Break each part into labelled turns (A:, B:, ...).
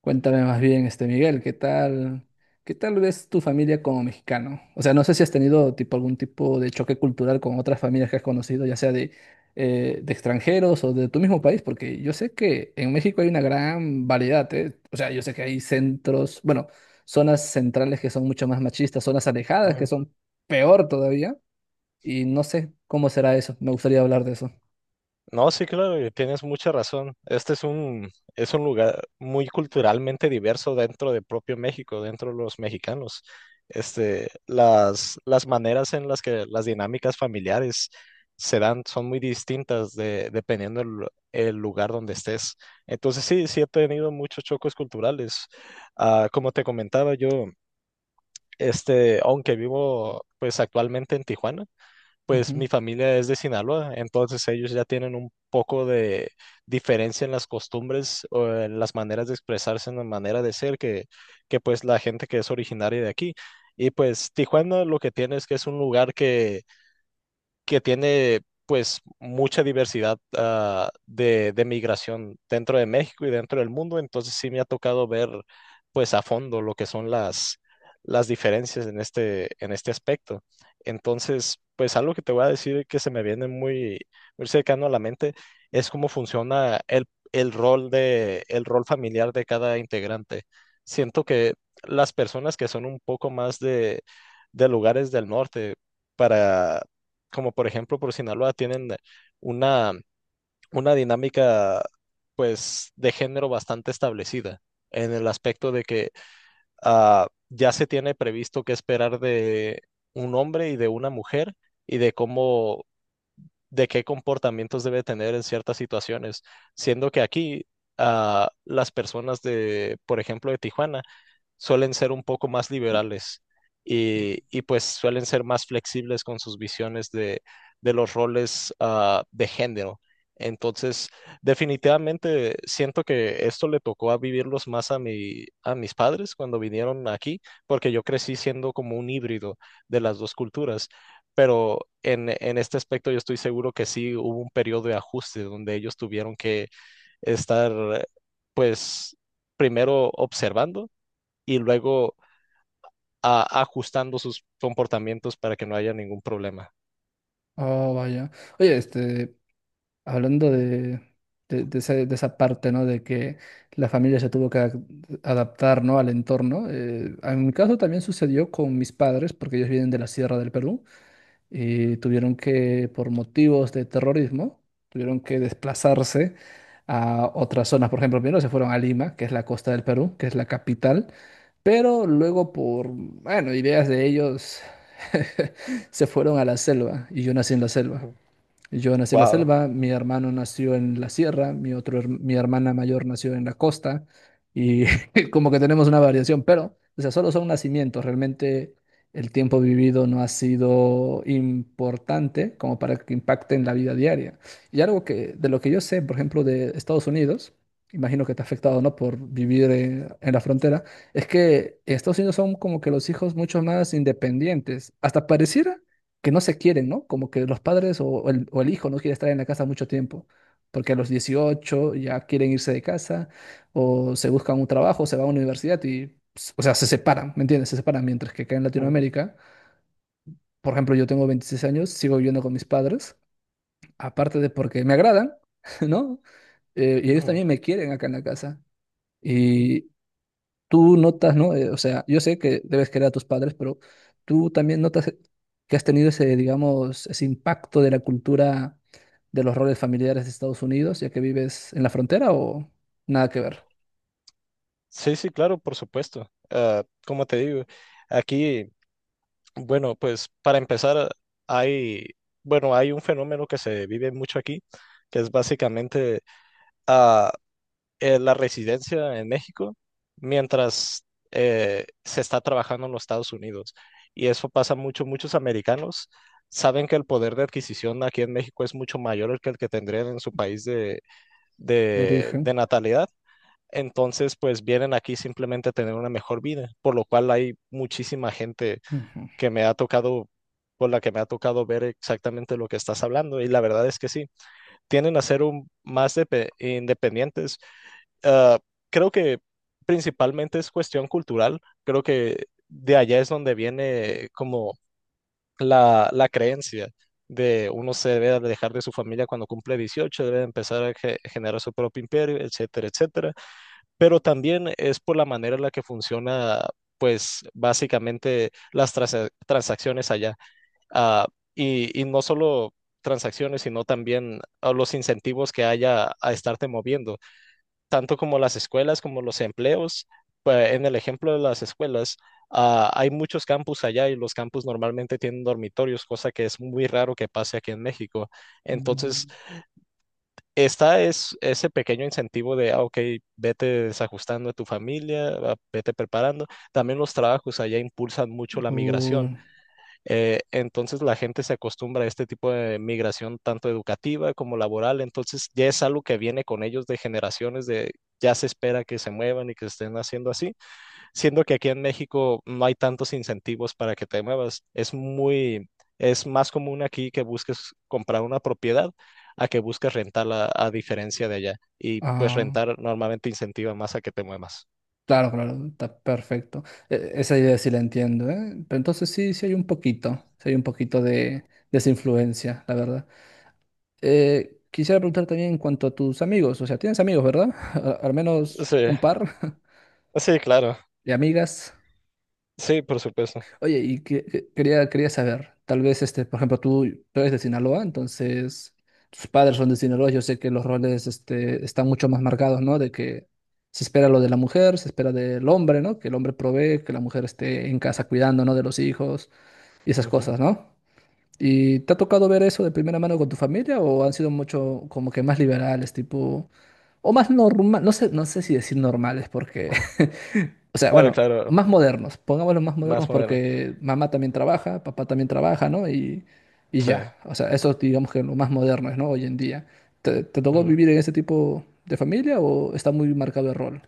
A: Cuéntame más bien, Miguel, ¿qué tal? ¿Qué tal ves tu familia como mexicano? O sea, no sé si has tenido tipo algún tipo de choque cultural con otras familias que has conocido, ya sea de extranjeros o de tu mismo país, porque yo sé que en México hay una gran variedad, ¿eh? O sea, yo sé que hay centros, bueno, zonas centrales que son mucho más machistas, zonas alejadas que
B: Ujú.
A: son peor todavía, y no sé cómo será eso. Me gustaría hablar de eso.
B: No, sí, claro, y tienes mucha razón. Este es un lugar muy culturalmente diverso dentro de propio México, dentro de los mexicanos. Las maneras en las que las dinámicas familiares se dan son muy distintas dependiendo el lugar donde estés. Entonces, sí, sí he tenido muchos choques culturales. Como te comentaba yo, aunque vivo pues actualmente en Tijuana, pues
A: Ujú.
B: mi familia es de Sinaloa, entonces ellos ya tienen un poco de diferencia en las costumbres o en las maneras de expresarse, en la manera de ser que pues la gente que es originaria de aquí. Y pues Tijuana lo que tiene es que es un lugar que tiene pues mucha diversidad de migración dentro de México y dentro del mundo, entonces sí me ha tocado ver pues a fondo lo que son las diferencias en este aspecto. Entonces, pues algo que te voy a decir que se me viene muy, muy cercano a la mente es cómo funciona el rol familiar de cada integrante. Siento que las personas que son un poco más de lugares del norte, para como por ejemplo por Sinaloa, tienen una, una dinámica pues de género bastante establecida en el aspecto de que ya se tiene previsto qué esperar de un hombre y de una mujer y de qué comportamientos debe tener en ciertas situaciones, siendo que aquí las personas de, por ejemplo, de Tijuana, suelen ser un poco más liberales y pues suelen ser más flexibles con sus visiones de los roles de género. Entonces, definitivamente siento que esto le tocó a vivirlos más a mis padres cuando vinieron aquí, porque yo crecí siendo como un híbrido de las dos culturas. Pero en este aspecto yo estoy seguro que sí hubo un periodo de ajuste donde ellos tuvieron que estar, pues, primero observando y luego ajustando sus comportamientos para que no haya ningún problema.
A: Oh, vaya. Oye, hablando de esa, de esa parte, ¿no? De que la familia se tuvo que adaptar, ¿no? Al entorno. En mi caso también sucedió con mis padres, porque ellos vienen de la Sierra del Perú, y tuvieron que, por motivos de terrorismo, tuvieron que desplazarse a otras zonas. Por ejemplo, primero se fueron a Lima, que es la costa del Perú, que es la capital, pero luego por, bueno, ideas de ellos, se fueron a la selva, y yo nací en la selva.
B: Ujú.
A: Yo nací en la
B: Wow.
A: selva, mi hermano nació en la sierra, mi hermana mayor nació en la costa y como que tenemos una variación, pero, o sea, solo son nacimientos, realmente el tiempo vivido no ha sido importante como para que impacte en la vida diaria. Y algo que, de lo que yo sé, por ejemplo, de Estados Unidos, imagino que te ha afectado, ¿no? Por vivir en la frontera, es que en Estados Unidos son como que los hijos mucho más independientes, hasta pareciera que no se quieren, ¿no? Como que los padres o el hijo no quiere estar en la casa mucho tiempo, porque a los 18 ya quieren irse de casa o se buscan un trabajo, se van a una universidad y, pues, o sea, se separan, ¿me entiendes? Se separan, mientras que acá en
B: Ujú,
A: Latinoamérica, por ejemplo, yo tengo 26 años, sigo viviendo con mis padres, aparte de porque me agradan, ¿no? Y ellos
B: ujú.
A: también me quieren acá en la casa. Y tú notas, ¿no? O sea, yo sé que debes querer a tus padres, pero tú también notas que has tenido ese, digamos, ese impacto de la cultura de los roles familiares de Estados Unidos, ya que vives en la frontera o nada que ver
B: Sí, sí, claro, por supuesto. Como te digo, aquí, bueno, pues para empezar, hay, bueno, hay un fenómeno que se vive mucho aquí, que es básicamente ah, la residencia en México mientras se está trabajando en los Estados Unidos. Y eso pasa mucho. Muchos americanos saben que el poder de adquisición aquí en México es mucho mayor el que tendrían en su país de,
A: de
B: de,
A: origen.
B: de natalidad. Entonces, pues vienen aquí simplemente a tener una mejor vida, por lo cual hay muchísima gente
A: Ujú.
B: que me ha tocado, por la que me ha tocado ver exactamente lo que estás hablando. Y la verdad es que sí, tienden a ser independientes, ah, creo que principalmente es cuestión cultural, creo que de allá es donde viene como la creencia de uno se debe alejar de su familia cuando cumple 18, debe empezar a generar su propio imperio, etcétera, etcétera. Pero también es por la manera en la que funciona, pues básicamente las transacciones allá. Ah, y no solo transacciones, sino también a los incentivos que haya a estarte moviendo tanto como las escuelas, como los empleos. Pues en el ejemplo de las escuelas, hay muchos campus allá y los campus normalmente tienen dormitorios, cosa que es muy raro que pase aquí en México. Entonces,
A: Mm,
B: está es ese pequeño incentivo ok, vete desajustando a tu familia, vete preparando. También los trabajos allá impulsan mucho la
A: o-
B: migración. Entonces la gente se acostumbra a este tipo de migración tanto educativa como laboral, entonces ya es algo que viene con ellos de generaciones de ya se espera que se muevan y que estén haciendo así, siendo que aquí en México no hay tantos incentivos para que te muevas, es muy es más común aquí que busques comprar una propiedad a que busques rentarla a diferencia de allá y pues
A: ah,
B: rentar normalmente incentiva más a que te muevas.
A: claro, claro, está perfecto. Esa idea sí la entiendo, ¿eh? Pero entonces sí, sí hay un poquito, sí hay un poquito de esa influencia, la verdad. Quisiera preguntar también en cuanto a tus amigos, o sea, tienes amigos, ¿verdad? Al menos
B: Sí,
A: un par
B: sí, claro.
A: de amigas.
B: Sí, por supuesto.
A: Oye, y quería saber, tal vez, por ejemplo, tú eres de Sinaloa, entonces tus padres son de Sinaloa, yo sé que los roles, están mucho más marcados, ¿no? De que se espera lo de la mujer, se espera del hombre, ¿no? Que el hombre provee, que la mujer esté en casa cuidando, ¿no? De los hijos y esas
B: Ujú.
A: cosas, ¿no? ¿Y te ha tocado ver eso de primera mano con tu familia o han sido mucho como que más liberales, tipo, o más normal, no sé, no sé si decir normales porque, o sea,
B: Claro,
A: bueno,
B: claro,
A: más modernos, pongámoslo más modernos
B: más moderno.
A: porque mamá también trabaja, papá también trabaja, ¿no? Y
B: Sí.
A: ya, o sea, eso digamos que lo más moderno es, ¿no? Hoy en día. ¿Te tocó
B: Ujú.
A: vivir en ese tipo de familia o está muy marcado el rol?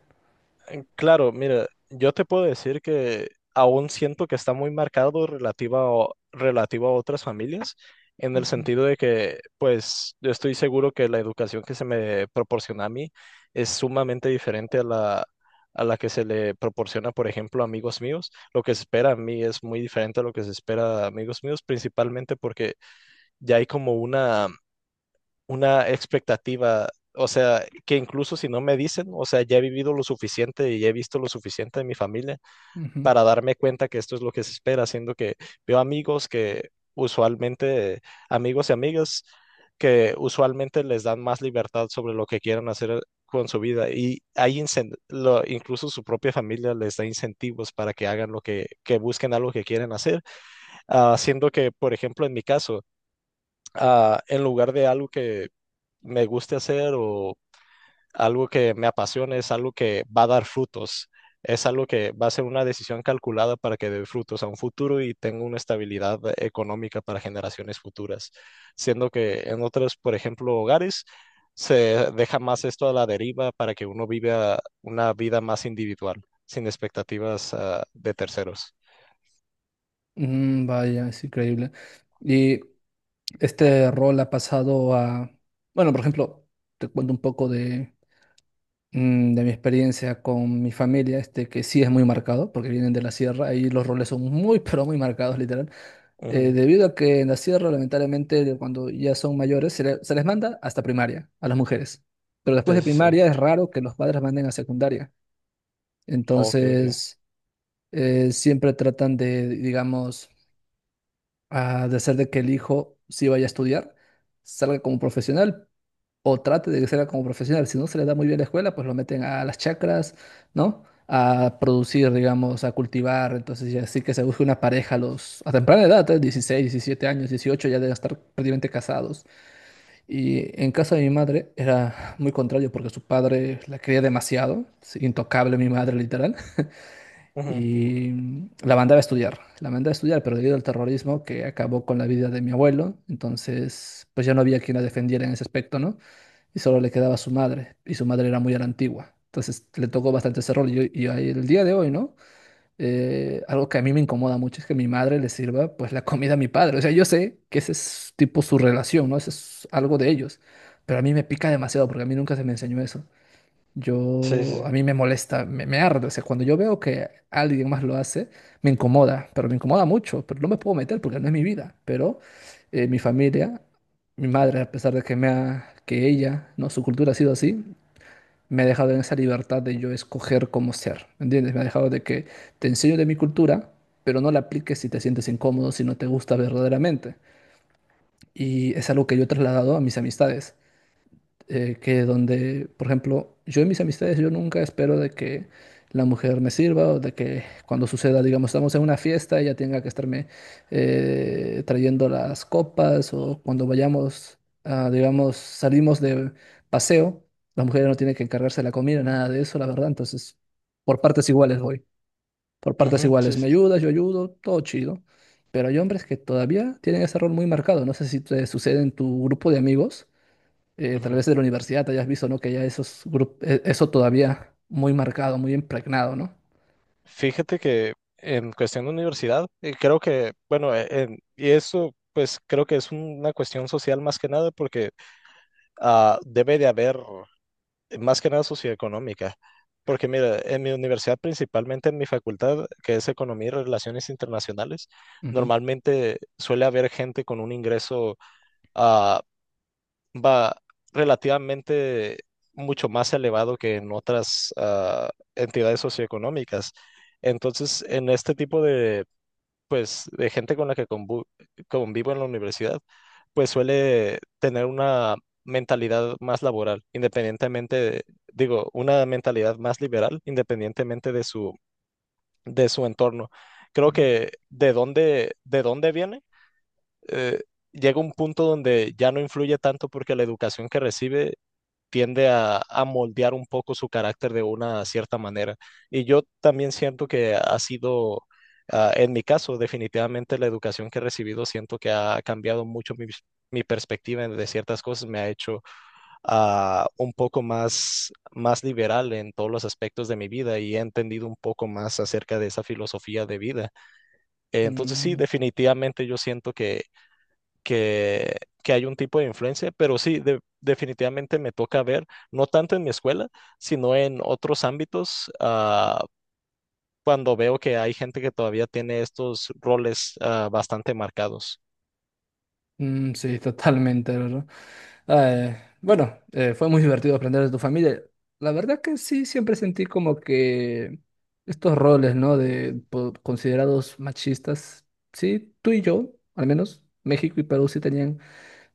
B: Claro, mira, yo te puedo decir que aún siento que está muy marcado relativo a otras familias, en el
A: Ujú,
B: sentido de que, pues, yo estoy seguro que la educación que se me proporciona a mí es sumamente diferente a la que se le proporciona, por ejemplo, a amigos míos. Lo que se espera a mí es muy diferente a lo que se espera a amigos míos, principalmente porque ya hay como una expectativa, o sea, que incluso si no me dicen, o sea, ya he vivido lo suficiente y he visto lo suficiente de mi familia
A: ujú.
B: para darme cuenta que esto es lo que se espera, siendo que veo amigos que usualmente, amigos y amigas, que usualmente les dan más libertad sobre lo que quieran hacer con su vida y hay incluso su propia familia les da incentivos para que hagan que busquen algo que quieren hacer, haciendo siendo que, por ejemplo, en mi caso, en lugar de algo que me guste hacer o algo que me apasione es algo que va a dar frutos. Es algo que va a ser una decisión calculada para que dé frutos a un futuro y tenga una estabilidad económica para generaciones futuras. Siendo que en otros, por ejemplo, hogares, se deja más esto a la deriva para que uno viva una vida más individual, sin expectativas, de terceros.
A: Mm, vaya, es increíble. Y este rol ha pasado a, bueno, por ejemplo, te cuento un poco de, mm, de mi experiencia con mi familia, este que sí es muy marcado, porque vienen de la sierra, ahí los roles son muy, pero muy marcados, literal.
B: Ujú.
A: Debido a que en la sierra, lamentablemente, de cuando ya son mayores, se les manda hasta primaria a las mujeres. Pero después
B: Sí,
A: de
B: sí, sí.
A: primaria es raro que los padres manden a secundaria.
B: Oh, ok, ok.
A: Entonces, siempre tratan de, digamos, ah, de hacer de que el hijo sí vaya a estudiar, salga como profesional, o trate de que sea como profesional. Si no se le da muy bien la escuela, pues lo meten a las chacras, ¿no? A producir, digamos, a cultivar. Entonces, ya sí que se busca una pareja a los, a temprana edad, ¿eh?
B: Ujú,
A: 16, 17 años, 18, ya deben estar prácticamente casados. Y en casa de mi madre era muy contrario porque su padre la quería demasiado, sí, intocable mi madre, literal.
B: ujú,
A: Y la mandaba a estudiar, la mandaba a estudiar, pero debido al terrorismo que acabó con la vida de mi abuelo, entonces pues ya no había quien la defendiera en ese aspecto, ¿no? Y solo le quedaba su madre, y su madre era muy a la antigua. Entonces le tocó bastante ese rol. Y, el día de hoy, ¿no? Algo que a mí me incomoda mucho es que mi madre le sirva pues la comida a mi padre. O sea, yo sé que ese es tipo su relación, ¿no? Ese es algo de ellos. Pero a mí me pica demasiado porque a mí nunca se me enseñó eso.
B: sí, sí, sí.
A: A mí me molesta, me arde. O sea, cuando yo veo que alguien más lo hace, me incomoda, pero me incomoda mucho, pero no me puedo meter porque no es mi vida. Pero mi familia, mi madre, a pesar de que ella, no, su cultura ha sido así, me ha dejado en esa libertad de yo escoger cómo ser, ¿me ¿entiendes? Me ha dejado de que te enseño de mi cultura, pero no la apliques si te sientes incómodo, si no te gusta verdaderamente. Y es algo que yo he trasladado a mis amistades, que donde, por ejemplo, yo en mis amistades, yo nunca espero de que la mujer me sirva o de que cuando suceda, digamos, estamos en una fiesta, ella tenga que estarme trayendo las copas o cuando vayamos, a, digamos, salimos de paseo, la mujer no tiene que encargarse de la comida, nada de eso, la verdad. Entonces, por partes iguales voy, por partes
B: Ujú, sí,
A: iguales, me
B: sí, sí.
A: ayudas, yo ayudo, todo chido. Pero hay hombres que todavía tienen ese rol muy marcado. No sé si te sucede en tu grupo de amigos, tal
B: Ujú.
A: vez de la universidad, te hayas visto, ¿no? Que ya esos grupos, eso todavía muy marcado, muy impregnado, no.
B: Fíjate que en cuestión de universidad, creo que, bueno, y eso pues creo que es una cuestión social más que nada porque debe de haber, más que nada socioeconómica. Porque mira, en mi universidad, principalmente en mi facultad, que es Economía y Relaciones Internacionales,
A: Ujú,
B: normalmente suele haber gente con un ingreso ah, va relativamente mucho más elevado que en otras entidades socioeconómicas. Entonces, en este tipo de pues de gente con la que convivo en la universidad, pues suele tener una mentalidad más laboral, una mentalidad más liberal, independientemente de su, entorno. Creo
A: ujú.
B: que de dónde viene, eh, llega un punto donde ya no influye tanto porque la educación que recibe tiende a moldear un poco su carácter de una cierta manera. Y yo también siento que en mi caso, definitivamente la educación que he recibido, siento que ha cambiado mucho mi perspectiva de ciertas cosas, me ha hecho un poco más, más liberal en todos los aspectos de mi vida y he entendido un poco más acerca de esa filosofía de vida. Entonces sí,
A: Mm,
B: definitivamente yo siento que que, que, hay un tipo de influencia, pero sí, definitivamente me toca ver, no tanto en mi escuela, sino en otros ámbitos, cuando veo que hay gente que todavía tiene estos roles, bastante marcados.
A: sí, totalmente, ¿verdad? Eh, bueno, fue muy divertido aprender de tu familia. La verdad que sí, siempre sentí como que estos roles, ¿no? De considerados machistas, sí, tú y yo, al menos, México y Perú sí tenían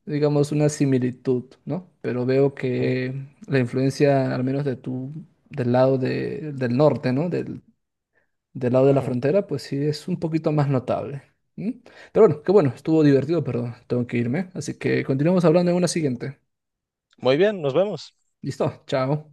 A: digamos, una similitud, ¿no? Pero veo
B: Ujú.
A: que la influencia, al menos de tu, del norte, ¿no? Del, del lado de la
B: Ujú.
A: frontera, pues sí es un poquito más notable. ¿Mm? Pero bueno, qué bueno, estuvo divertido, pero tengo que irme. Así que continuamos hablando en una siguiente.
B: Muy bien, nos vemos.
A: ¿Listo? Chao.